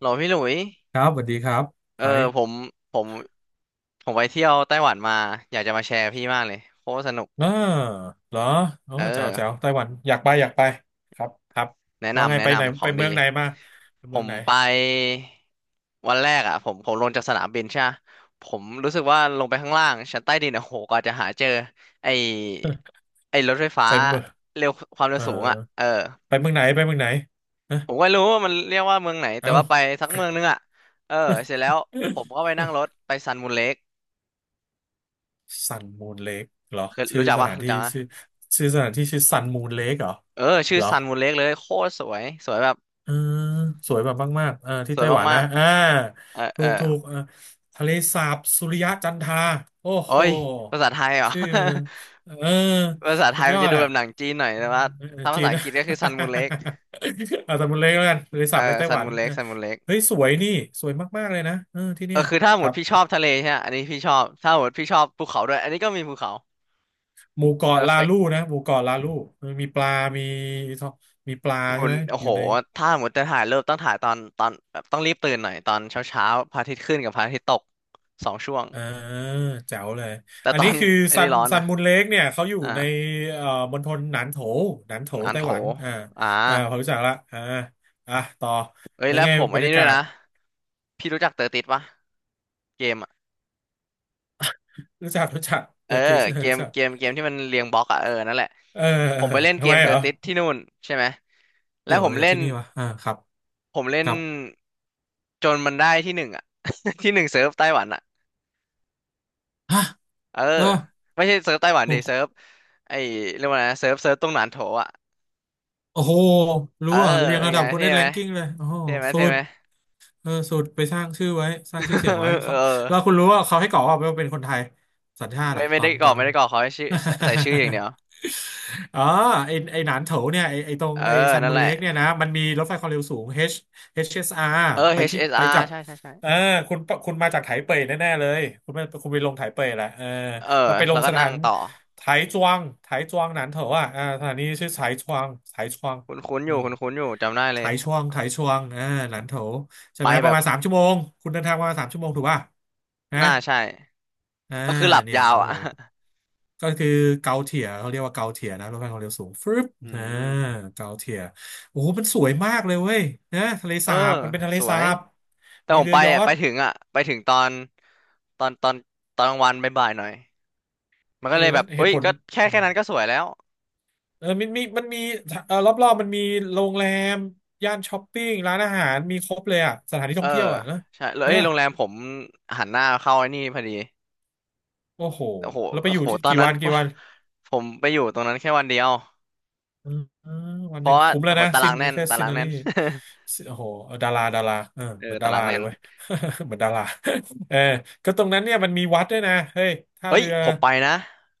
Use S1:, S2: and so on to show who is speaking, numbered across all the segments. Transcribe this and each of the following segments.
S1: หลอพี่หลุย
S2: ครับสวัสดีครับ
S1: เออ
S2: ไอ
S1: ผ
S2: ซ์
S1: มผมผมไปเที่ยวไต้หวันมาอยากจะมาแชร์พี่มากเลยโคตรสนุก
S2: เอ่เหรอโอ้
S1: เอ
S2: แจ๋วแจ๋ว
S1: อ
S2: ไต้หวันอยากไปอยากไปครับครับ
S1: แนะ
S2: ว่าไง
S1: นำแนะ
S2: ไปไหน
S1: นำขอ
S2: ไป
S1: ง
S2: เมือ
S1: ดี
S2: งไหนมาไป
S1: ผ
S2: เมือง
S1: ม
S2: ไหน
S1: ไปวันแรกอ่ะผมลงจากสนามบินใช่ปะผมรู้สึกว่าลงไปข้างล่างชั้นใต้ดินอ่ะโหกว่าจะหาเจอไอ ไอรถไฟฟ้า
S2: ไปเมือง
S1: เร็วความเร็
S2: เอ
S1: ว
S2: อ
S1: สูงอ่ะเออ
S2: ไปเมืองไหนไปเมืองไหนฮะ
S1: ผมก็ไม่รู้ว่ามันเรียกว่าเมืองไหนแต่
S2: เอ้า
S1: ว่าไปสักเมืองนึงอ่ะเออเสร็จแล้วผมก็ไปนั่งรถไปซันมูนเลค
S2: ซันมูนเลกเหรอ
S1: เคย
S2: ชื่
S1: รู้
S2: อ
S1: จัก
S2: ส
S1: ปะ
S2: ถาน
S1: รู้
S2: ที่
S1: จั
S2: ชื่อ
S1: ก
S2: ชื่อสถานที่ชื่อซันมูนเลกเหรอ
S1: เออชื่
S2: เห
S1: อ
S2: รอ
S1: ซันมูนเล็กเลยโคตรสวยสวยแบบ
S2: เออสวยแบบมากๆเออที่
S1: สวย
S2: ไต้หวัน
S1: มา
S2: นะ
S1: ก
S2: อ่า
S1: ๆเออ
S2: ถู
S1: เอ
S2: ก
S1: อ
S2: ถูกเออทะเลสาบสุริยะจันทราโอ้
S1: โอ้
S2: โห
S1: ยภาษาไทยเหรอ
S2: ชื่อมันเออ
S1: ภาษาไท
S2: สุด
S1: ย
S2: ย
S1: มัน
S2: อ
S1: จะ
S2: ด
S1: ดู
S2: อ่ะ
S1: แบบหนังจีนหน่อยแต่ว่า
S2: เออ
S1: ถ้า
S2: จี
S1: ภาษา
S2: น
S1: อัง
S2: นะ
S1: กฤษก็คือซันมูนเล็ก
S2: เอาแต่มันเล็กแล้วกันทะเล
S1: เอ
S2: สา
S1: อ
S2: บในไต้
S1: ซั
S2: ห
S1: น
S2: วัน
S1: มูนเล็
S2: เอ
S1: ก
S2: อ
S1: ซันมูนเล็ก
S2: เฮ้ยสวยนี่สวยมากๆเลยนะเออที่
S1: เอ
S2: เนี่
S1: อ
S2: ย
S1: คือถ้าห
S2: ค
S1: มด
S2: รับ
S1: พี่ชอบทะเลใช่ไหมอันนี้พี่ชอบถ้าหมดพี่ชอบภูเขาด้วยอันนี้ก็มีภูเขา
S2: หมู่เกาะลา
S1: perfect
S2: ลูนะหมู่เกาะลาลูเออมีปลามีมีปลาใช่
S1: หุ่น
S2: ไหม
S1: โอ้
S2: อ
S1: โห
S2: ยู่ใน
S1: ถ้าหมดจะถ่ายเริ่มต้องถ่ายตอนแบบต้องรีบตื่นหน่อยตอนเช้าเช้าพระอาทิตย์ขึ้นกับพระอาทิตย์ตกสองช่วง
S2: อ่าแจ๋วเลย
S1: แต่
S2: อัน
S1: ตอ
S2: นี้
S1: น
S2: คือ
S1: อัน
S2: ซั
S1: นี้
S2: น
S1: ร้อน
S2: ซั
S1: นะ
S2: นมุนเล็กเนี่ยเขาอยู่
S1: อ่า
S2: ในเอ่อมณฑลหนานโถหนานโถ
S1: หนาน
S2: ไต้
S1: โถ
S2: หวันอ่า
S1: อ่า
S2: อ่าพอรู้จักละอ่าอ่ะต่อ
S1: เอ้ย
S2: แล้ว
S1: แล้ว
S2: ไง
S1: ผม
S2: บ
S1: ไอ้
S2: รร
S1: นี่
S2: ยา
S1: ด้ว
S2: กา
S1: ย
S2: ศ
S1: นะพี่รู้จักเตอร์ติดปะเกมอะ
S2: รู้จักรู้จัก
S1: เอ
S2: เตอ
S1: อ
S2: ร์ทิส
S1: เกม
S2: รู้จัก
S1: เกมเกมที่มันเรียงบล็อกอะเออนั่นแหละ
S2: เออ
S1: ผ
S2: เออ
S1: มไปเล่นเก
S2: ทำไม
S1: มเทอ
S2: เหรอ
S1: ร์ติสที่นู่นใช่ไหมแล้
S2: เกี่
S1: ว
S2: ยว
S1: ผ
S2: อะ
S1: ม
S2: ไรกับ
S1: เล่น
S2: ที่นี่วะอ่าครับ
S1: ผมเล่
S2: ค
S1: น
S2: รับ
S1: จนมันได้ที่หนึ่งอะ ที่หนึ่งเซิร์ฟไต้หวันอะ
S2: ฮะ
S1: เออ
S2: ก็
S1: ไม่ใช่เซิร์ฟไต้หวันดิเซิ
S2: โอ้
S1: ร์ฟไอ้เรียกว่าไงนะเซิร์ฟตรงหนานโถอะ
S2: โอ้โห
S1: เอ
S2: รู้
S1: อ
S2: อ่ะเรียง
S1: เป็น
S2: ระ
S1: ไง
S2: ดับคน
S1: เท่
S2: ได้แร
S1: ไหม
S2: งกิ้งเลยโอ้โห
S1: เท่ไหม
S2: สุ
S1: เท่
S2: ด
S1: ไหม
S2: เออสตรไปสร้างชื่อไว้สร้างชื่อเสียงไว้เขา
S1: เออ
S2: แล้วคุณรู้ว่าเขาให้กรอกว่าว่าเป็นคนไทยสัญชาติ
S1: ไม่
S2: อะต
S1: ไม่
S2: อ
S1: ได้
S2: น
S1: ก
S2: ต
S1: ร
S2: อ
S1: อก
S2: น
S1: ไม่ได้กรอกขอให้ชื่อใส่ชื่ออย่างเดียว
S2: อ๋อไอไอหนานโถเนี่ยไอไอตรง
S1: เออ
S2: ไอซัน
S1: นั่น
S2: มูน
S1: แหละ
S2: เล็กเนี่ยนะมันมีรถไฟความเร็วสูง H HSR
S1: เออ
S2: ไปที่ไปจา
S1: HSR
S2: ก
S1: ใช่ใช่ใช่
S2: เออคุณคุณมาจากไถเป่ยแน่ๆเลยคุณไปคุณไปลงไถเป่ยแหละเออ
S1: เออ
S2: แล้วไปล
S1: แล้ว
S2: ง
S1: ก็
S2: สถา
S1: นั่ง
S2: น
S1: ต่อ
S2: ไถจวงไถจวงหนานโถอ่ะอ่าสถานีชื่อไถจวงไถจวง
S1: คุ้นคุ้นอ
S2: อื
S1: ยู่
S2: ม
S1: คุ้นคุ้นอยู่จำได้เลย
S2: ถ่ายช่วงถ่ายช่วงอ่าหลันโถใช่
S1: ไป
S2: ไหมป
S1: แบ
S2: ระ
S1: บ
S2: มาณสามชั่วโมง คุณเดินทางประมาณสามชั่วโมงถูกป่ะนะ
S1: น่าใช่
S2: อ่า
S1: ก็คือหลับ
S2: เนี่ย
S1: ยาว
S2: โอ้
S1: อ่ะ
S2: โหก็คือเกาเทียเขาเรียกว่าเกาเทียนะรถไฟความเร็วสูงฟึบ
S1: อื
S2: อ่า
S1: ม
S2: เกาเทียโอ้โหมันสวยมากเลยเว้ยนะทะเล
S1: เออ
S2: สาบมันเป็นทะเล
S1: สว
S2: สา
S1: ย
S2: บ
S1: แต่
S2: มี
S1: ผม
S2: เรือ
S1: ไป
S2: ยอ
S1: อ่ะ
S2: ช
S1: ไป
S2: ต์
S1: ถึงอ่ะไปถึงตอนตอนตอนกลางวันบ่ายๆหน่อยมัน
S2: เอ
S1: ก็
S2: อ
S1: เลยแบ
S2: แล้ว
S1: บ
S2: เห
S1: เอ้
S2: ตุ
S1: ย
S2: ผล
S1: ก็แค่นั้นก็สวยแล้ว
S2: เออมันมีมันมีเออรอบๆมันมีโรงแรม ย่านช้อปปิ้งร้านอาหาร มีครบเลยอ่ะสถานที่
S1: เอ
S2: ท่อ
S1: อ
S2: งเที่ยวอ่ะนะ
S1: ใช่แล้วเอ้
S2: เนี่
S1: ย
S2: ย
S1: โรงแรมผมหันหน้าเข้าไอ้นี่พอดี
S2: โอ้โห
S1: โอ้โห
S2: แล้วไป
S1: โอ้
S2: อยู่
S1: โห
S2: ที่
S1: ตอน
S2: กี่
S1: นั้
S2: วั
S1: น
S2: น
S1: ก
S2: กี่
S1: ว่า
S2: วัน
S1: ผมไปอยู่ตรงนั้นแค่วันเดียว
S2: อืมอืมวัน
S1: เพ
S2: หนึ่
S1: ราะ
S2: ง
S1: ว่า
S2: คุ้มแล้
S1: โอ้
S2: ว
S1: โห
S2: นะ
S1: ตา
S2: ซิ
S1: รา
S2: น
S1: งแน่น
S2: แค่
S1: ตา
S2: ซิ
S1: รา
S2: น
S1: ง
S2: n
S1: แน่
S2: รี
S1: น
S2: โอ้โหดาราดาราเออ
S1: เอ
S2: เหมื
S1: อ
S2: อนดา
S1: ตารา
S2: รา
S1: ง
S2: เล
S1: แน่
S2: ย
S1: น
S2: เว้ย เหมือนดาราเออก็ตรงนั้นเนี่ยมันมีวัดด้วยนะเฮ้ยท่า
S1: เอ้ย
S2: เรือ
S1: ผมไปนะ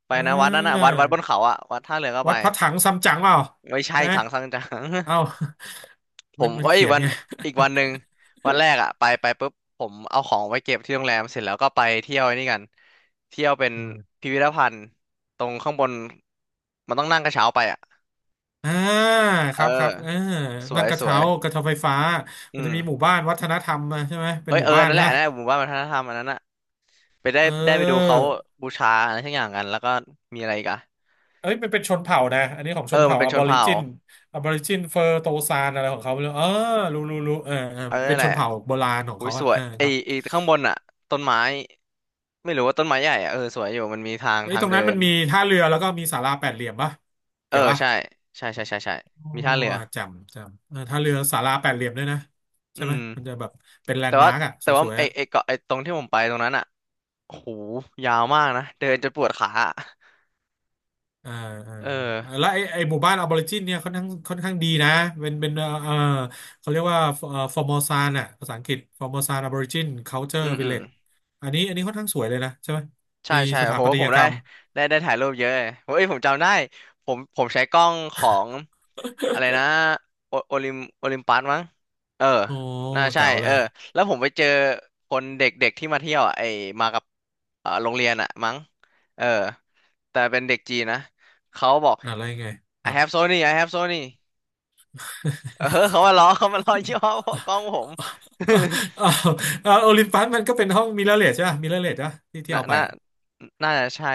S1: ไป
S2: เ
S1: นะวัดนั้นนะ
S2: ออ
S1: วัดบนเขาอะวัดท่าเรือก็ไป
S2: วัดพระถังซัมจั๋งเปล่า
S1: ไม่ใช่
S2: นะ
S1: ถังซังจัง
S2: เอ้า
S1: ผ
S2: มัน
S1: ม
S2: มัน
S1: เอ้ย
S2: เขียน
S1: วัน
S2: ไง
S1: อีกวันหนึ่ง วันแรกอะไปไปปุ๊บผมเอาของไว้เก็บที่โรงแรมเสร็จแล้วก็ไปเที่ยวไอ้นี่กันเที่ยวเป็น
S2: อืม
S1: พิพิธภัณฑ์ตรงข้างบนมันต้องนั่งกระเช้าไปอะ
S2: อ่าค
S1: เอ
S2: รับครับ
S1: อ
S2: เออ
S1: สว
S2: นั่
S1: ย
S2: งกระ
S1: สว
S2: เช้า
S1: ย
S2: กระเช้าไฟฟ้ามัน
S1: อื
S2: จะ
S1: ม
S2: มีหมู่บ้านวัฒนธรรมอะใช่ไหมเป็
S1: เอ้
S2: น
S1: ย
S2: ห
S1: เอ
S2: มู่
S1: อ
S2: บ้าน
S1: นั่น
S2: ใช่
S1: แหละ
S2: ไหม
S1: นั่นแหละหมู่บ้านวัฒนธรรมอันนั้นอะไปได้
S2: เอ
S1: ได้ไปดูเขา
S2: อ
S1: บูชาอะไรทั้งอย่างกันแล้วก็มีอะไรอีกอะ
S2: เอ้ยมันเป็นชนเผ่านะอันนี้ของช
S1: เอ
S2: น
S1: อมั
S2: เผ่า
S1: นเป็น
S2: อ
S1: ช
S2: บ
S1: น
S2: อริ
S1: เผ่า
S2: จินอบอริจินเฟอร์โตซานอะไรของเขาไม่รู้เออรู้รู้รู้เออเออ
S1: เออ
S2: มันเป็
S1: นั่น
S2: น
S1: แห
S2: ช
S1: ละ
S2: นเผ่าโบราณของ
S1: อุ้ย
S2: เขา
S1: ส
S2: อะ
S1: ว
S2: เอ
S1: ย
S2: อค
S1: ไอ้
S2: รับ
S1: ไอข้างบนอ่ะต้นไม้ไม่รู้ว่าต้นไม้ใหญ่อ่ะเออสวยอยู่มันมีทาง
S2: เอ้ย
S1: ทาง
S2: ตรง
S1: เดิ
S2: นั้นมั
S1: น
S2: นมีท่าเรือแล้วก็มีศาลาแปดเหลี่ยมปะ
S1: เออ
S2: เกี่ยวปะ
S1: ใช่ใช่ใช่ใช่ใช่
S2: โอ้
S1: มีท่าเรือ
S2: จำจำเออท่าเรือศาลาแปดเหลี่ยมด้วยนะใช่
S1: อื
S2: ไหม
S1: ม
S2: มันจะแบบเป็นแล
S1: แต่
S2: นด์
S1: ว่า
S2: มาร์กอะส
S1: แต่ว่า
S2: วย
S1: ไอ
S2: ๆอะ
S1: ไอเกาะไอตรงที่ผมไปตรงนั้นอ่ะโอ้โหยาวมากนะเดินจนปวดขาอะ
S2: อ่า
S1: เออ
S2: อ่าแล้วไอไอหมู่บ้านอาบอริจินเนี่ยค่อนข้างค่อนข้างดีนะเป็นเป็นเขาเรียกว่าฟอร์มอซานอ่ะภาษาอังกฤษฟอร์มอซานอาบอริจินคัลเจอ
S1: อื
S2: ร์
S1: ม
S2: วิ
S1: อื
S2: ลเล
S1: ม
S2: จอันนี้อันนี้ค่อนข้างสวยเลยนะใช่ไหม
S1: ใช่
S2: มี
S1: ใช่
S2: สถา
S1: โห
S2: ปัต
S1: ผ
S2: ย
S1: ม
S2: ก
S1: ได้
S2: รรม
S1: ได้ได้ถ่ายรูปเยอะเลยเ้ยผมจำได้ผมใช้กล้องของอะไรนะโอลิมปัสมั้งเออ
S2: โอ้
S1: น่าใช่
S2: แจ๋วเล
S1: เออ
S2: ย
S1: แล้วผมไปเจอคนเด็กๆที่มาเที่ยวอ่ะไอมากับโรงเรียนอ่ะมั้งเออแต่เป็นเด็กจีนนะเขาบอก
S2: อะไรไงค
S1: I
S2: รับ
S1: have Sony I have Sony เออเขามาล้อ เขามาล้อยี่ห้อกล้องผม
S2: เอาวโอลิมปัสมันก็เป็นห้องมิเรอร์เลสใช่ป่ะมิเรอร์เลสอะที่ ที่
S1: น่า
S2: เอาไป
S1: น่า
S2: อะ
S1: น่าจะใช่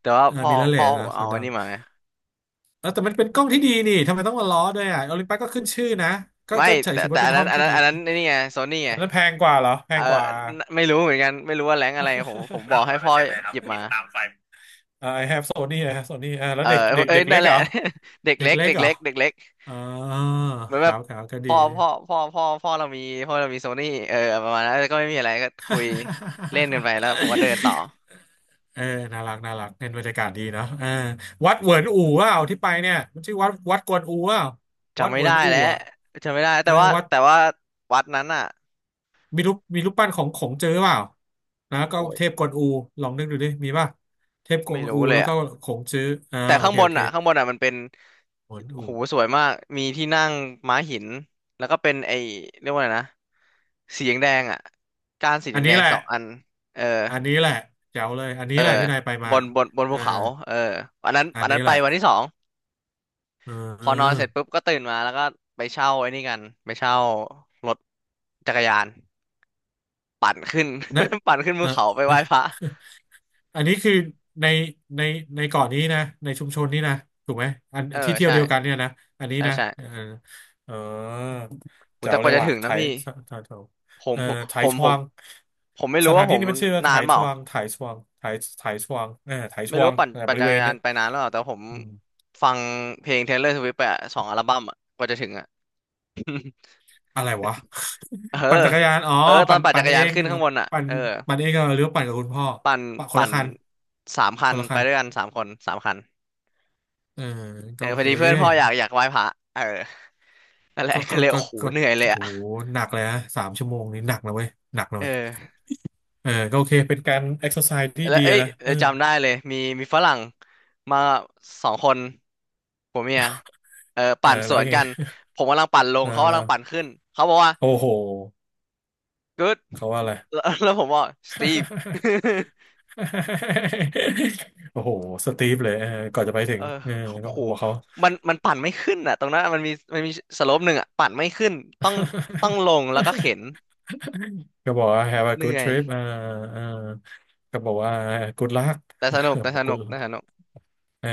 S1: แต่ว่าพ่อ
S2: มิเรอร์เล
S1: พ่อ
S2: ส
S1: ผ
S2: นะ
S1: มเอา
S2: เขา
S1: อั
S2: ดั
S1: น
S2: ง
S1: นี้มาไง
S2: แล้วแต่มันเป็นกล้องที่ดีนี่ทำไมต้องมาล้อด้วยอ่ะโอลิมปัสก็ขึ้นชื่อนะก็
S1: ไม่
S2: ก็
S1: แต่
S2: ถือ
S1: แต่
S2: ว่าเป็
S1: อั
S2: น
S1: น
S2: ห้
S1: นั้
S2: อ
S1: น
S2: ง
S1: อัน
S2: ที่
S1: นั้น
S2: ดี
S1: อันนั้นนี่ไงโซนี่ไง
S2: อันนั้นแพงกว่าเหรอแพ
S1: เออ
S2: งกว่า
S1: ไม่รู้เหมือนกันไม่รู้ว่าแรงอะไรผมบอ
S2: เก้า
S1: กให้
S2: ร้อยเปอ
S1: พ่อ
S2: ร์เซ็นต์เลยครั
S1: ห
S2: บ
S1: ยิบ
S2: บิ
S1: มา
S2: นตามไฟอ่า I have Sony นะ Sony อ่าแล้
S1: เอ
S2: ว
S1: อ
S2: เด็กเด็ก
S1: เอ้
S2: เด็
S1: ย
S2: กเล็
S1: นั่
S2: ก
S1: นแห
S2: เหร
S1: ละ
S2: อ
S1: เด็ก
S2: เด็ก
S1: เล็ก
S2: เล็ก
S1: เด็ก
S2: เหรอ
S1: เล็กเด็กเล็ก
S2: อ๋อ
S1: เหมือน
S2: ค
S1: แบ
S2: รั
S1: บ
S2: บครับก็ดี
S1: พ่อพ่อพ่อพ่อพ่อเรามีพ่อเรามีโซนี่เออประมาณนั้นแล้วก็ไม่มีอะไรก็คุยเล่นกันไป แล้วผมก็เดินต่อ
S2: เออน่ารักน่ารักเน้นบรรยากาศดีเนาะเออวัดเหวินอู่ว่าที่ไปเนี่ยมันชื่อวัดวัดกวนอู่ว่าวัด
S1: จำไม่
S2: เหวิ
S1: ได้
S2: นอู่
S1: แล้ว
S2: อ่ะ
S1: จำไม่ได้
S2: เอ
S1: แต่
S2: อ
S1: ว่า
S2: วัด
S1: แต่ว่าวัดนั้นอ่ะ
S2: มีรูปมีรูปปั้นของของเจอเปล่านะก็
S1: โอ้ย
S2: เทพกวนอูลองนึกดูดิมีป่ะเทพกว
S1: ไม่
S2: นอู
S1: รู้เลย
S2: แล้วก็
S1: อ่ะ
S2: ของเจออ่า
S1: แต่
S2: โอ
S1: ข้าง
S2: เค
S1: บ
S2: โอ
S1: น
S2: เค
S1: อ่ะข้างบนอ่ะมันเป็น
S2: เหวิน
S1: โอ้โห
S2: อู่
S1: สวยมากมีที่นั่งม้าหินแล้วก็เป็นไอ้เรียกว่าไงนะ สีแดงแดงอ่ะก้านสีแด
S2: อัน
S1: งแด
S2: นี้
S1: ง
S2: แหละ
S1: สองอันเออ
S2: อันนี้แหละแจ๋วเลยอันนี้
S1: เออ
S2: แหละที่นายไปมา
S1: บน
S2: เอ
S1: ภู
S2: อ
S1: เขาเอออันนั้น
S2: อัน
S1: อัน
S2: นี้
S1: นั้น
S2: แห
S1: ไป
S2: ละ
S1: วันที่สอง
S2: เ
S1: พอนอน
S2: ออ
S1: เสร็จปุ๊บก็ตื่นมาแล้วก็ไปเช่าไอ้นี่กันไปเช่ารถจักรยานปั่นขึ้น
S2: เนะ
S1: ปั่นขึ้น
S2: เอ
S1: ภู
S2: อ
S1: เขาไปไห
S2: เอ่อ
S1: ว้พระ
S2: อันนี้คือในในในเกาะนี้นะในชุมชนนี้นะถูกไหมอัน
S1: เออ
S2: ที่เที่ยว
S1: ใช่
S2: เดียวกันเนี่ยนะอันนี้
S1: ใช่
S2: นะ
S1: ใช่
S2: เออเออ
S1: โห
S2: แจ๋
S1: แต่
S2: ว
S1: ก
S2: เล
S1: ว่า
S2: ย
S1: จะ
S2: ว่ะ
S1: ถึง
S2: ไถ
S1: นะพี่
S2: ไถ
S1: ผ
S2: เอ
S1: ม
S2: อไถ
S1: ผม
S2: ช
S1: ผ
S2: วา
S1: ม
S2: ง
S1: ผมไม่
S2: ส
S1: รู้
S2: ถา
S1: ว่า
S2: น
S1: ผ
S2: ที่
S1: ม
S2: นี้มันชื่อว่าไถ
S1: นานเป
S2: ช
S1: ล่า
S2: วางไถชวางไถไถชวางเออไถช
S1: ไม่รู้
S2: วาง
S1: ว่าปั่น
S2: เออบ
S1: ปั่น
S2: ริ
S1: จัก
S2: เว
S1: ร
S2: ณ
S1: ยา
S2: เนี่
S1: น
S2: ย
S1: ไปนานหรือเปล่าแต่ผม
S2: อืม
S1: ฟังเพลง Taylor Swift ไปอะสองอัลบั้มอะกว่าจะถึงอะ
S2: อะไรวะ
S1: เออ
S2: ปั่นจักรยานอ๋อ
S1: เออตอ
S2: ปั่
S1: น
S2: น
S1: ปั่นจักรยานขึ้นข้างบนอ่ะ
S2: ปั่น
S1: เออ
S2: ปั่นเองเหรอหรือว่าปั่นกับคุณพ่อ
S1: ปั่น
S2: ปั่นคน
S1: ปั่
S2: ละ
S1: น
S2: คัน
S1: สามคั
S2: ค
S1: น
S2: นละ
S1: ไป
S2: คั
S1: ด้วยกั
S2: น
S1: นสามคนสามคัน
S2: เออ
S1: เอ
S2: ก็
S1: อ
S2: โอ
S1: พอ
S2: เค
S1: ดีเพื่อนพ่ออยากไหว้พระเออนั่นแหละ
S2: ก็
S1: ก็
S2: ก็
S1: เลย
S2: ก็
S1: โอ้โห
S2: ก็
S1: เหนื่อยเลย
S2: โห
S1: อ่ะ
S2: หนักเลยฮะสามชั่วโมงนี่หนักนะเว้ยหนักนะ
S1: เอ
S2: เว้ย
S1: อ
S2: เออก็โอเคเป็นการเอ็กซ์ s ซ s e ที่
S1: แล้ว
S2: ดี
S1: เอ้ย
S2: อะนะ
S1: เอ
S2: เอ
S1: อ
S2: อ
S1: จำได้เลยมีฝรั่งมาสองคนผัวเมียเออ
S2: เออ
S1: ปั่นส
S2: แล้ว
S1: วน
S2: ยังไง
S1: กันผมกำลังปั่นล
S2: เอ
S1: ง
S2: อ
S1: เขา
S2: แล้
S1: กำลั
S2: ว
S1: งปั่นขึ้นเขาบอกว่า
S2: โอ้โห
S1: good
S2: เขาว่าอะไร
S1: แล้ว แล้วผมบอก Steve
S2: โอ้โหสตีฟเลยเออก่อนจะไปถึ
S1: เอ
S2: ง
S1: อ
S2: เออ
S1: โอ้
S2: ก็
S1: โห
S2: บอกเขา
S1: มันปั่นไม่ขึ้นอ่ะตรงนั้นมันมีสโลปหนึ่งอ่ะปั่นไม่ขึ้นต้องต้องลง แล้วก็เข็น
S2: ก็บอกว่า have a
S1: เห
S2: good
S1: นื่อย
S2: trip อ่าอ่าก็บอกว่า good luck บอก good luck
S1: แต่สนุก
S2: เออ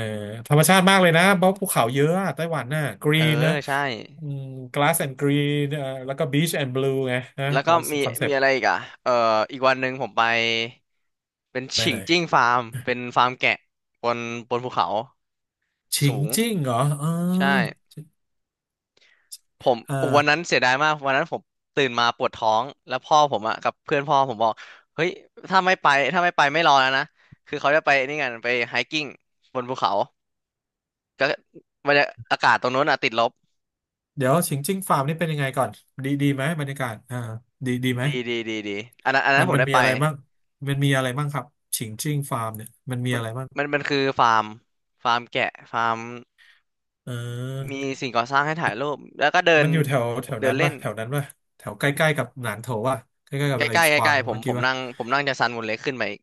S2: ธรรมชาติมากเลยนะเพราะภูเขาเยอะอะไต้หวันน่ะ
S1: เออ
S2: green นะ
S1: ใช่
S2: อืม glass and green แล้วก็ beach and blue ไงนะ
S1: แล้วก็
S2: เขา
S1: มี
S2: คอนเซ
S1: มี
S2: ปต์
S1: อะไรอีกอ่ะเอออีกวันหนึ่งผมไป เป็น
S2: ไป
S1: ฉิ
S2: ไห
S1: ง
S2: น
S1: จิ้งฟาร์ม เป็นฟาร์มแกะบนบนภูเขา
S2: ฉิง
S1: สูง
S2: จิ้งเหรอเอ
S1: ใช่
S2: อ
S1: ผม
S2: อ่า
S1: วันนั้นเสียดายมากวันนั้นผมตื่นมาปวดท้องแล้วพ่อผมอะกับเพื่อนพ่อผมบอกเฮ้ยถ้าไม่ไปถ้าไม่ไปไม่รอแล้วนะคือเขาจะไปนี่กันไปไฮกิ้งบนภูเขาก็บรรยาอากาศตรงนู้นอะติดลบ
S2: เดี๋ยวฉิงจิ้งฟาร์มนี่เป็นยังไงก่อนดีดีไหมบรรยากาศอ่าดีดีไหม
S1: ดีดีอันนั้นอันนั้
S2: มั
S1: น
S2: น
S1: ผม
S2: มัน
S1: ได้
S2: มี
S1: ไป
S2: อะไรบ้างมันมีอะไรบ้างครับฉิงจิ้งฟาร์มเนี่ยมันมี
S1: มัน
S2: อะไรบ้าง
S1: มันคือฟาร์มฟาร์มแกะฟาร์ม
S2: เอ
S1: มี
S2: อ
S1: สิ่งก่อสร้างให้ถ่ายรูปแล้วก็เดิน
S2: มันอยู่แถวแถว
S1: เดิ
S2: นั้
S1: น
S2: น
S1: เล่
S2: ป่ะ
S1: น
S2: แถวนั้นป่ะแถวใกล้ๆกับหนานโถป่ะใกล้ๆกั
S1: ใก
S2: บ
S1: ล้
S2: ไอ้
S1: ใกล้
S2: ชวั
S1: ใกล้
S2: ง
S1: ๆผม
S2: เมื่อ
S1: ผ
S2: กี้
S1: ม
S2: ป่ะ
S1: นั่งผมนั่งจากซันมูนเล็กขึ้นไปอีก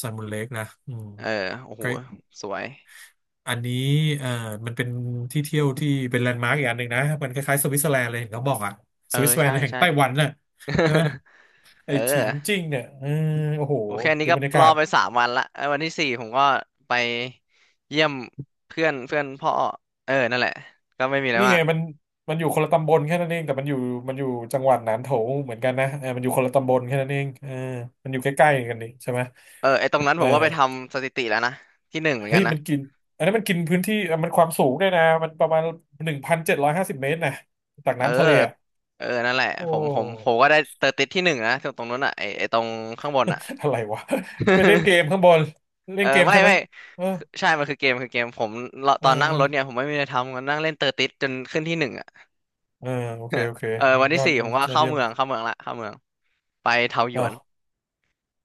S2: ซันมูนเล็กนะอืม
S1: เออโอ้
S2: ใก
S1: โห
S2: ล้
S1: สวย
S2: อันนี้เอ่อมันเป็นที่เที่ยวที่เป็นแลนด์มาร์กอีกอันหนึ่งนะมันคล้ายๆสวิตเซอร์แลนด์เลยเหขาบอกอะ
S1: เอ
S2: ส
S1: อ
S2: วิตเซอร์แลน
S1: ใช่
S2: ด์แห่ง
S1: ใช่
S2: ไต้หวันน่ะใช่ไหม ไอ้ฉิ
S1: เออ
S2: งจิ้งเนี่ยเออโอ้โห
S1: โอเคอันนี้
S2: ดู
S1: ก็
S2: บรรยา
S1: ร
S2: กา
S1: อ
S2: ศ
S1: ไปสามวันละไอ้วันที่สี่ผมก็ไปเยี่ยมเพื่อนเพื่อนพ่อเออนั่นแหละก็ไม่มีอะไร
S2: นี่
S1: มา
S2: ไง
S1: ก
S2: มันมันอยู่คนละตำบลแค่นั้นเองแต่มันอยู่มันอยู่จังหวัดหนานโถเหมือนกันนะเออมันอยู่คนละตำบลแค่นั้นเองเออมันอยู่ใกล้ๆกันนี่ใช่ไหม
S1: เออไอ้ตรงนั้น
S2: เอ
S1: ผ
S2: อ
S1: มก็ไปทำสถิติแล้วนะที่หนึ่งเหมือน
S2: เฮ้
S1: กัน
S2: ย
S1: นะ
S2: มันกินอันนั้นมันกินพื้นที่อ่ะมันความสูงด้วยนะมันประมาณ1,750 เมตรนะจาก
S1: เออ
S2: น้ำทะเลอ่ะ
S1: เออนั่นแหละ
S2: โอ้
S1: ผมก็ได้เตอร์ติดที่หนึ่งนะตรงนั้นอ่ะไอ้ตรงข้างบนอ่ะ
S2: อะไรวะไปเล่นเกมข้างบน เล่
S1: เออ
S2: นเกม
S1: ไม่
S2: ใช่ไหม
S1: ไม่
S2: เออ
S1: คือใช่มันคือเกมคือเกมผม
S2: เอ
S1: ต
S2: อ
S1: อนนั่ง
S2: เออ
S1: รถเนี่ยผมไม่มีอะไรทำก็นั่งเล่นเตอร์ติดจนขึ้นที่หนึ่งอ่ะ
S2: เออโอเค โอเค
S1: เออวัน
S2: ย
S1: ที่
S2: อด
S1: สี่ผมก็
S2: ยอด
S1: เข้า
S2: เยี่ยม
S1: เมืองเข้าเมืองละเข้าเมืองไปเทาหย
S2: อ้า
S1: วน
S2: ว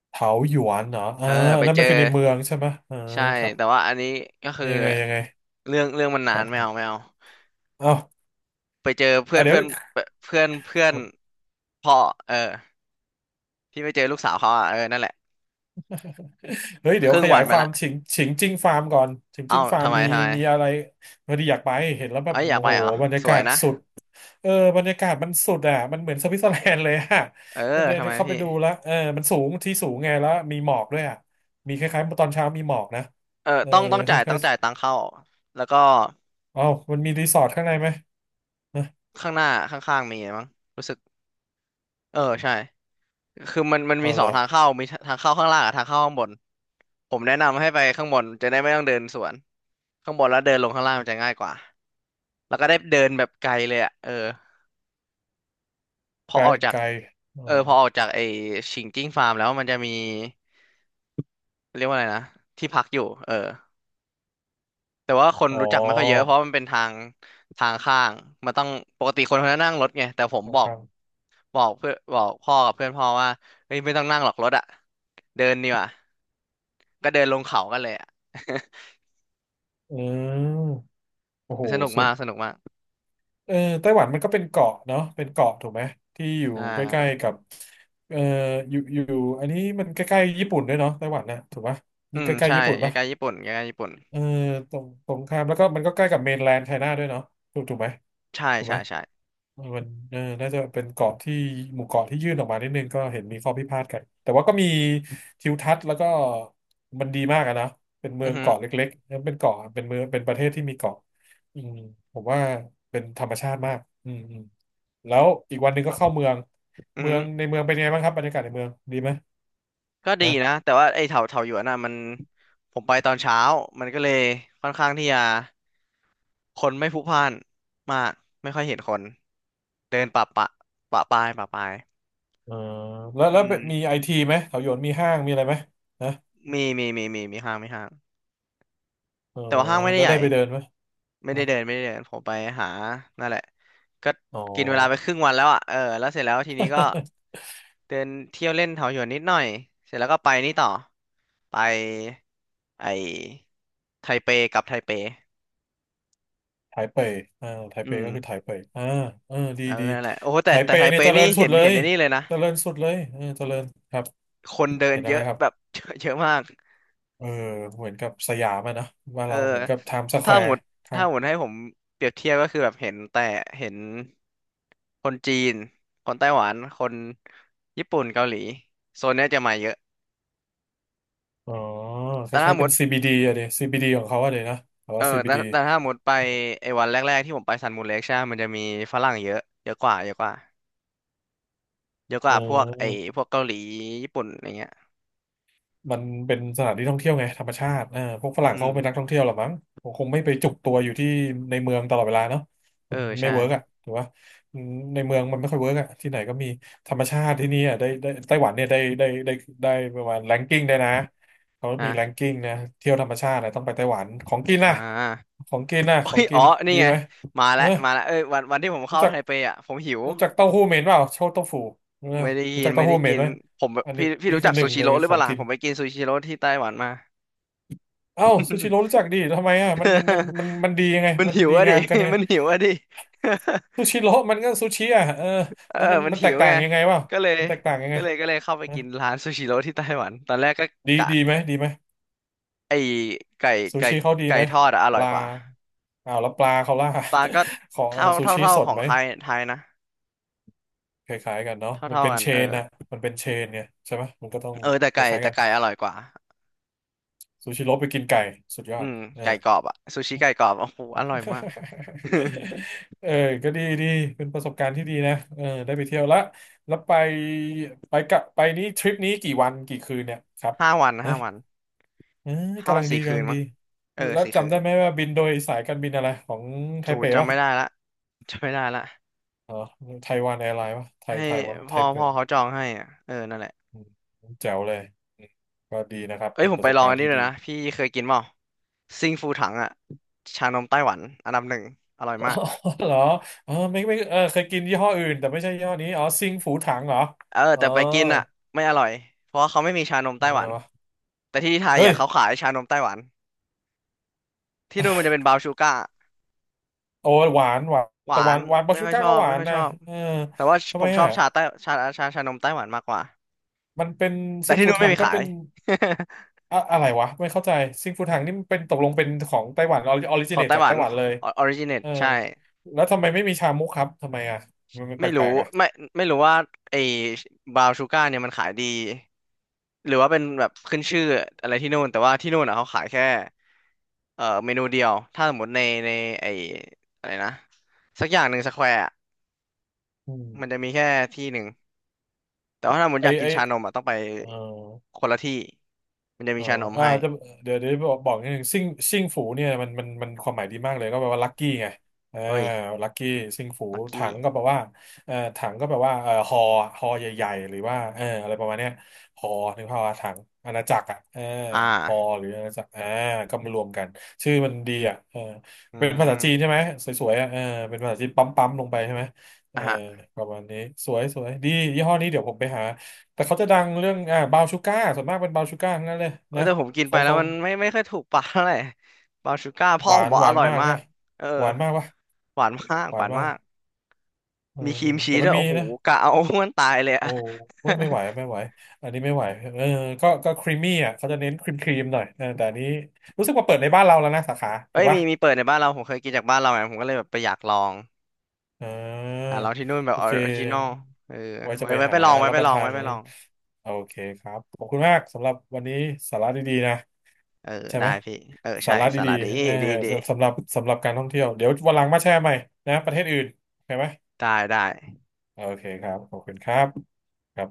S2: เถาหยวนเหรอ
S1: เอ
S2: อ่า
S1: อ
S2: อั
S1: ไป
S2: นนั่น
S1: เจ
S2: มั
S1: อ
S2: นคือในเมืองใช่ไหมอ่า
S1: ใช่
S2: ครับ
S1: แต่ว่าอันนี้ก็คือ
S2: ยังไงยังไง
S1: เรื่องมัน
S2: ค
S1: นา
S2: ร
S1: นไม่
S2: ั
S1: เอา
S2: บ
S1: ไม่เอา
S2: อ้าว
S1: ไปเจอเพื่
S2: อ่ะ
S1: อน
S2: เดี๋ย
S1: เพื่
S2: ว
S1: อนเพื่อนเพื่อนพ่อเออที่ไปเจอลูกสาวเขาอ่ะเออนั่นแหละ
S2: เฮ้ยเดี๋
S1: ค
S2: ยว
S1: รึ่ง
S2: ข
S1: วั
S2: ยาย
S1: นไป
S2: ความ
S1: ละ
S2: ฉิงฉิงจิ้งฟาร์มก่อนฉิง
S1: เอ้า
S2: จิ้งฟาร์ม
S1: ทำไม
S2: มี
S1: ทำไม
S2: มีอะไรพอดีอยากไปเห็นแล้วแบ
S1: เอ้
S2: บ
S1: ยอยาก
S2: โอ้
S1: ไป
S2: โห
S1: เหรอ
S2: บรรยา
S1: ส
S2: กา
S1: วย
S2: ศ
S1: นะ
S2: สุด เออบรรยากาศมันสุดอ่ะมันเหมือนสวิตเซอร์แลนด์เลยอ่ะ
S1: เออ
S2: มันเล
S1: ทำไม
S2: ยเข้าไป
S1: พี่
S2: ดูแล้วเออมันสูงที่สูงไงแล้ว มีหมอกด้วยอ่ะมีคล้ายๆตอนเช้ามีหมอกนะ
S1: เออ
S2: เออ
S1: ต้อง
S2: ค
S1: จ่ายต้
S2: ล้า
S1: อ
S2: ย
S1: งจ่ายตังค์เข้าแล้วก็
S2: ๆเอ้ามันมีรีสอร์ทข้างในไหมนะ
S1: ข้างหน้าข้างๆมีมั้งรู้สึกเออใช่คือมัน
S2: อ๋อ
S1: มีส
S2: เหร
S1: อง
S2: อ
S1: ทางเข้ามีทางเข้าข้างล่างกับทางเข้าข้างบนผมแนะนำให้ไปข้างบนจะได้ไม่ต้องเดินสวนข้างบนแล้วเดินลงข้างล่างมันจะง่ายกว่า แล้วก็ได้เดินแบบไกลเลยอ่ะเออพอ
S2: ไกล
S1: ออกจาก
S2: ไกลอ๋อ
S1: เออพอออกจากไอ้ชิงจิ้งฟาร์มแล้วมันจะมีเรียกว่าอะไรนะที่พักอยู่เออแต่ว่าคนรู้จักไม่ค่อยเยอะ
S2: อ
S1: เพราะมันเป็นทางทางข้างมันต้องปกติคนเขาจะนั่งรถไงแต่ผม
S2: ๋อ
S1: บอ
S2: ค
S1: ก
S2: รับ
S1: บอกเพื่อนบอกพ่อกับเพื่อนพ่อว่าเฮ้ยไม่ต้องนั่งหรอกรถอ่ะเดินดีกว่าก็เดินลงเขากันเลยอ่ะ
S2: เออโอ้โห
S1: สนุก
S2: สุ
S1: มา
S2: ด
S1: กสนุกมาก
S2: เออไต้หวันมันก็เป็นเกาะเนาะเป็นเกาะถูกไหมที่อยู่
S1: ใช่
S2: ใกล้ๆกับเอออยู่อันนี้มันใกล้ๆญี่ปุ่นด้วยเนาะไต้หวันนะถูกปะ
S1: อื
S2: ใก
S1: ม
S2: ล้
S1: ใช่
S2: ๆญี่ปุ่น
S1: ใก
S2: ปะ
S1: ล้ๆญี่ปุ่นใกล้ๆญี่ปุ่น
S2: เออตรงตรงข้ามแล้วก็มันก็ใกล้กับเมนแลนด์ไชน่าด้วยเนาะถูกถูกไหมถูกไหม
S1: ใช่
S2: เออมันเออน่าจะเป็นเกาะที่หมู่เกาะที่ยื่นออกมานิดนึงก็เห็นมีข้อพิพาทกันแต่ว่าก็มีทิวทัศน์แล้วก็มันดีมากอะนะเป็นเมื
S1: อื
S2: อ
S1: อ
S2: ง
S1: ฮึ
S2: เกาะเล็กๆแล้วเป็นเกาะเป็นเมืองเป็นประเทศที่มีเกาะอืมผมว่าเป็นธรรมชาติมากอืมอืมแล้วอีกวันหนึ่งก็เข้าเมือง
S1: อือ
S2: เมือ
S1: ฮึ
S2: งในเมืองเป็นไงบ้างครับบรรยากาศในเมืองดีไหม
S1: ก็ดี
S2: นะ
S1: นะแต่ว่าไอ้เถาหยวนน่ะมันผมไปตอนเช้ามันก็เลยค่อนข้างที่จะคนไม่พลุกพล่านมากไม่ค่อยเห็นคนเดินปะปาย
S2: เออแล้ว
S1: อื
S2: แล้ว
S1: ม
S2: มีไอทีไหมแถวโยนมีห้างมีอะไรไหมนะ
S1: มีห้าง
S2: อ๋อ
S1: แต่ว่าห้างไม่ได้
S2: แล้ว
S1: ใหญ่
S2: ได้ไปเดินไหมนะ
S1: ไม่ได้เดินผมไปหานั่นแหละก็
S2: อ๋อ
S1: กินเวลาไปครึ่งวันแล้วอ่ะเออแล้วเสร็จแล้วทีนี้ก็ เดินเที่ยวเล่นเถาหยวนนิดหน่อยเสร็จแล้วก็ไปนี่ต่อไปไอไทเป
S2: ไถเป่ยอ่าไถ
S1: อื
S2: เป่ย
S1: ม
S2: ก็คือไถเป่ยอ่าเออดี
S1: เออ
S2: ดี
S1: นั่นแหละโอ้โห
S2: ไถ
S1: แต่
S2: เป่
S1: ไท
S2: ยเนี่
S1: เป
S2: ยเจริ
S1: นี่
S2: ญสุ
S1: เห็
S2: ด
S1: น
S2: เล
S1: เห็น
S2: ย
S1: ไอ้นี่เลยนะ
S2: เจริญสุดเลยเออเจริญครับ
S1: คนเดิน
S2: เห็นอะ
S1: เย
S2: ไร
S1: อะ
S2: ครับ
S1: แบบ เยอะมาก
S2: เออเหมือนกับสยามอะนะว่าน
S1: เออ
S2: เราเหมือนกับไทม์สแค
S1: ถ้า
S2: ว
S1: หม
S2: ร์
S1: ด
S2: ค่ะ
S1: ถ้าหมดให้ผมเปรียบเทียบก็คือแบบเห็นแต่เห็นคนจีนคนไต้หวันคนญี่ปุ่นเกาหลีโซนเนี้ยจะมาเยอะ
S2: อ๋อค
S1: แต่ถ้า
S2: ล้ายๆ
S1: หม
S2: เป็
S1: ด
S2: น CBD อะเดซี๋ย CBD ของเขาอะเดนะแต่
S1: เออ
S2: ว่า
S1: แต่
S2: CBD
S1: แต่ถ้าหมดไปไอ้วันแรกๆที่ผมไปซันมูนเล็กใช่ไหมมันจะมีฝรั่งเยอะเยอะก
S2: เ
S1: ว่าพวกไอ้
S2: ออ
S1: พวกเกาหลีญี่ปุ่นอะไรเงี้ย
S2: มันเป็นสถานที่ท่องเที่ยวไงธรรมชาติเออพวกฝ
S1: อื
S2: รั่งเขา
S1: ม
S2: เป็นนักท่องเที่ยวหรอมั้งคงไม่ไปจุกตัวอยู่ที่ในเมืองตลอดเวลาเนาะ
S1: เอ
S2: มั
S1: อ
S2: นไม่
S1: ใช่
S2: เวิร์กอ่ะถือว่าในเมืองมันไม่ค่อยเวิร์กอ่ะที่ไหนก็มีธรรมชาติที่นี่อ่ะได้ได้ไต้หวันเนี่ยได้ได้ได้ได้ประมาณแรงกิ้งได้นะเขามีแรง
S1: นะ
S2: กิ้งนะเที่ยวธรรมชาตินะต้องไปไต้หวันของกิน
S1: อ่า
S2: นะของกินนะ
S1: โอ้
S2: ของ
S1: ย
S2: กิ
S1: อ๋อ
S2: น
S1: นี่
S2: ดี
S1: ไง
S2: ไหม
S1: มา
S2: เอ
S1: แล้
S2: อ
S1: วมาแล้วเอ้ยวันที่ผม
S2: รู้
S1: เข้า
S2: จัก
S1: ไทเปอ่ะผมหิว
S2: รู้จักเต้าหู้เหม็นเปล่าโชว์เต้าหู้เออ
S1: ไม่ได้
S2: รู้
S1: กิ
S2: จั
S1: น
S2: กเต้า
S1: ไม่
S2: หู้
S1: ได้
S2: เหม็
S1: กิ
S2: น
S1: น
S2: ไหม
S1: ผม
S2: อันนี้
S1: พี่พี่
S2: นี่
S1: รู้
S2: คื
S1: จั
S2: อ
S1: ก
S2: ห
S1: ซู
S2: นึ่ง
S1: ชิ
S2: ใน
S1: โร่หรือ
S2: ข
S1: เป
S2: อง
S1: ล่าล่ะ
S2: กิน
S1: ผมไปกินซูชิโร่ที่ไต้หวันมา
S2: เอ้าซูชิโร่รู้จักดิทำไมอ่ะมันดียังไง
S1: มัน
S2: มัน
S1: หิว
S2: ดี
S1: อะดิ
S2: งามกันยังไง
S1: มันหิวอะดิ
S2: ซูชิโร่มันก็ซูชิอ่ะเออ
S1: เออ
S2: แล้วมัน
S1: มัน
S2: มัน
S1: หิ
S2: แตก
S1: ว
S2: ต่า
S1: ไง
S2: งยังไงวะ
S1: ก็เลย
S2: มันแตกต่างยังไง
S1: ก็เลยเข้าไป
S2: นะ
S1: กินร้านซูชิโร่ที่ไต้หวันตอนแรกก็
S2: ดี
S1: กะ
S2: ดีไหมดีไหม
S1: ไอไก่
S2: ซู
S1: ไก่
S2: ชิเขาดี
S1: ไก่
S2: ไหม
S1: ทอดอะอ
S2: ป
S1: ร่อย
S2: ลา
S1: กว่า
S2: อ้าวแล้วปลาเขาล่ะ
S1: ปลาก็
S2: ของ
S1: เท่า
S2: ซู
S1: เท่า
S2: ชิ
S1: เท่า
S2: ส
S1: ข
S2: ด
S1: อง
S2: ไหม
S1: ไทยนะ
S2: คล้ายๆกันเนาะ
S1: เท่า
S2: มัน
S1: เท่า
S2: เป็น
S1: กัน
S2: เช
S1: เออ
S2: นนะมันเป็นเชนเนี่ยใช่ไหมมันก็ต้อง
S1: เออแต่
S2: ค
S1: ไก่
S2: ล้ายๆ
S1: แต่
S2: กัน
S1: ไก่อร่อยกว่า
S2: ซูชิโร่ไปกินไก่สุดยอ
S1: อื
S2: ด
S1: ม
S2: เออ
S1: ไก่กรอบอะซูชิไก่กรอบโอ้โหอร่อย มาก
S2: เออก็ดีดี เป็นประสบการณ์ที่ดีนะเออได้ไปเที่ยวละ แล้วไปไปกะไปนี้ทริปนี้กี่วันกี่คืนเนี่ยครับ
S1: ห้าวัน
S2: นะ
S1: ห้าวัน
S2: เออ
S1: ห้า
S2: กำ
S1: วั
S2: ลั
S1: น
S2: งดี
S1: สี่คื
S2: กำลั
S1: น
S2: งดี
S1: มั้งเออ
S2: แล้ว
S1: สี่คื
S2: จำได้
S1: น
S2: ไหมว่าบินโดยสายการบินอะไรของไท
S1: จู
S2: เป
S1: จำ
S2: ป่ะ
S1: ไม่ได้ละจำไม่ได้ละ
S2: อ๋อไทวันแอร์ไลน์ป่ะไทย
S1: ให้
S2: ไทยวะไท
S1: พ่อ
S2: เป
S1: พ่อเขาจองให้อ่ะเออนั่นแหละ
S2: อืมแจ๋วเลยอืมก็ดีนะครับ
S1: เอ้ย
S2: เป็น
S1: ผ
S2: ป
S1: ม
S2: ระ
S1: ไป
S2: สบ
S1: ลอง
S2: การ
S1: อัน
S2: ณ์
S1: นี้
S2: ที่
S1: เลย
S2: ดี
S1: นะพี่เคยกินเปล่าซิงฟูถังอ่ะชานมไต้หวันอันดับหนึ่งอร่อย
S2: อ๋อ
S1: มาก
S2: เหรอเออไม่เออเคยกินยี่ห้ออื่นแต่ไม่ใช่ยี่ห้อนี้อ๋อซิงฝูถังเหรอ
S1: เออ
S2: อ๋อ
S1: แต่ไปกินอ่ะไม่อร่อยเพราะว่าเขาไม่มีชานมไต้
S2: เอา
S1: ห
S2: ไง
S1: วัน
S2: วะ
S1: แต่ที่ไทย
S2: เฮ้
S1: อ่ะ
S2: ย
S1: เขาขายชานมไต้หวันที่นู่นมันจะเป็นบราวน์ชูการ์
S2: โอ้หวาน
S1: ห
S2: แต่
S1: วา
S2: หวา
S1: น
S2: นหวานบา
S1: ไม่
S2: ชู
S1: ค่อย
S2: ก้า
S1: ชอ
S2: ก็
S1: บ
S2: หวา
S1: ไม่
S2: น
S1: ค่อยช
S2: นะ
S1: อบ
S2: เออ
S1: แต่ว่า
S2: ทำ
S1: ผ
S2: ไม
S1: มชอบ
S2: อ่ะ
S1: ชานมไต้หวันมากกว่า
S2: มันเป็น
S1: แต่
S2: ซิง
S1: ที่
S2: ฟู
S1: นู้นไม่
S2: ถัง
S1: มี
S2: ก็
S1: ขา
S2: เป็
S1: ย
S2: นอะอะไรวะไม่เข้าใจซิงฟูถังนี่มันเป็นตกลงเป็นของไต้หวันออริ จิ
S1: ขอ
S2: เน
S1: ง
S2: ต
S1: ไต้
S2: จา
S1: ห
S2: ก
S1: วั
S2: ไต้
S1: น
S2: หวันเลย
S1: ออริจิน AT
S2: เออ
S1: ใช่
S2: แล้วทำไมไม่มีชามุกครับทำไมอ่ะมันแป
S1: ไม่รู้
S2: ลกๆอ่ะ
S1: ไม่ไม่รู้ว่าไอ้บราวน์ชูการ์เนี่ยมันขายดีหรือว่าเป็นแบบขึ้นชื่ออะไรที่นู่นแต่ว่าที่นู่นอ่ะเขาขายแค่เมนูเดียวถ้าสมมติในไอ้อะไรนะสักอย่างหนึ่งสแควร์
S2: อืม
S1: มันจะมีแค่ที่หนึ่งแต่ว่าถ้าสมมติ
S2: ไอ
S1: อยากกิ
S2: ไอ
S1: นชานมอ่ะต้องไป
S2: เออ
S1: คนละที่มันจะ
S2: เอ
S1: มี
S2: อ
S1: ชานม
S2: อ่า
S1: ให้
S2: จะเดี๋ยวบอกนิดนึงซิ่งซิ่งฝูเนี่ยมันความหมายดีมากเลยก็แปลว่าลัคกี้ไงอ่า
S1: เฮ้ย
S2: ลัคกี้ซิ่งฝู
S1: ลัก
S2: ถั
S1: กี้
S2: งก็แปลว่าถังก็แปลว่าฮอฮอใหญ่ๆหรือว่าเอออะไรประมาณเนี้ยฮอนึกภาพว่าถังอาณาจักรอ่ะเออ
S1: อ่า
S2: ฮอหรืออาณาจักรอ่าก็มารวมกันชื่อมันดีอ่ะเออ
S1: อื
S2: เป็นภาษาจีนใช่
S1: ม
S2: ไหมสวยๆอ่ะเออเป็นภาษาจีนปั๊มๆลงไปใช่ไหมเอ
S1: อ่ะ
S2: อ
S1: ฮะ
S2: ประมาณนี้สวยๆดียี่ห้อนี้เดี๋ยวผมไปหา แต่เขาจะดังเรื่องอ่าบาวชูก้าส่วนมากเป็นบาวชูก้าทั้งนั้นเลย
S1: เออ
S2: นะ
S1: แต่ผมกินไป
S2: เขา
S1: แล้ว
S2: เขา
S1: มันไม่ไม่ค่อยถูกปากเท่าไหร่บาวชูก้าพ่
S2: ห
S1: อผ
S2: วา
S1: ม
S2: น
S1: บอก
S2: ห
S1: อ
S2: วาน
S1: ร่อย
S2: มาก
S1: มา
S2: ฮะ
S1: กเออ
S2: หวานมากวะ
S1: หวานมาก
S2: ห
S1: ห
S2: วาน
S1: วาน
S2: มาก
S1: มาก
S2: เออ
S1: มีครีมชี
S2: แต่
S1: ส
S2: มั
S1: ด้
S2: น
S1: วย
S2: มี
S1: โอ้โห
S2: นะ
S1: กะเอามันตายเลย
S2: โอ้
S1: อะ
S2: ว่าไม่ไห วไม่ไหวอันนี้ไม่ไหวเออก็ครีมมี่อ่ะเขาจะเน้นครีมครีมหน่อยเออแต่อันนี้รู้สึกว่าเปิดในบ้านเราแล้วนะสาขา
S1: เอ้
S2: ถูก
S1: ยมี
S2: ปะ
S1: มีเปิดในบ้านเราผมเคยกินจากบ้านเราไงผมก็เลยแบบไปอยากลอง
S2: เ
S1: อ่ะ
S2: ออ
S1: ลองที่นู่นแบบ
S2: โอ
S1: ออ
S2: เค
S1: ริจินอลเออ
S2: ไว้จะ
S1: ไว้
S2: ไป
S1: ไว้ไป
S2: หา
S1: ลองไว้
S2: รับ
S1: ไป
S2: ป
S1: ล
S2: ระ
S1: อง
S2: ทาน
S1: ไว้ไป
S2: มั้
S1: ล
S2: ย
S1: อง
S2: โอเคครับขอบคุณมากสำหรับวันนี้สาระดีๆนะ
S1: เออ
S2: ใช่ไห
S1: ได้
S2: ม
S1: พี่เออ
S2: สา
S1: ใช่
S2: ระ
S1: สา
S2: ดี
S1: ระดี
S2: ๆเออ
S1: ดีดี
S2: สสำหรับการท่องเที่ยวเดี๋ยววันหลังมาแชร์ใหม่นะประเทศอื่นโอเคไหม
S1: ได้ได้
S2: โอเคครับขอบคุณครับครับ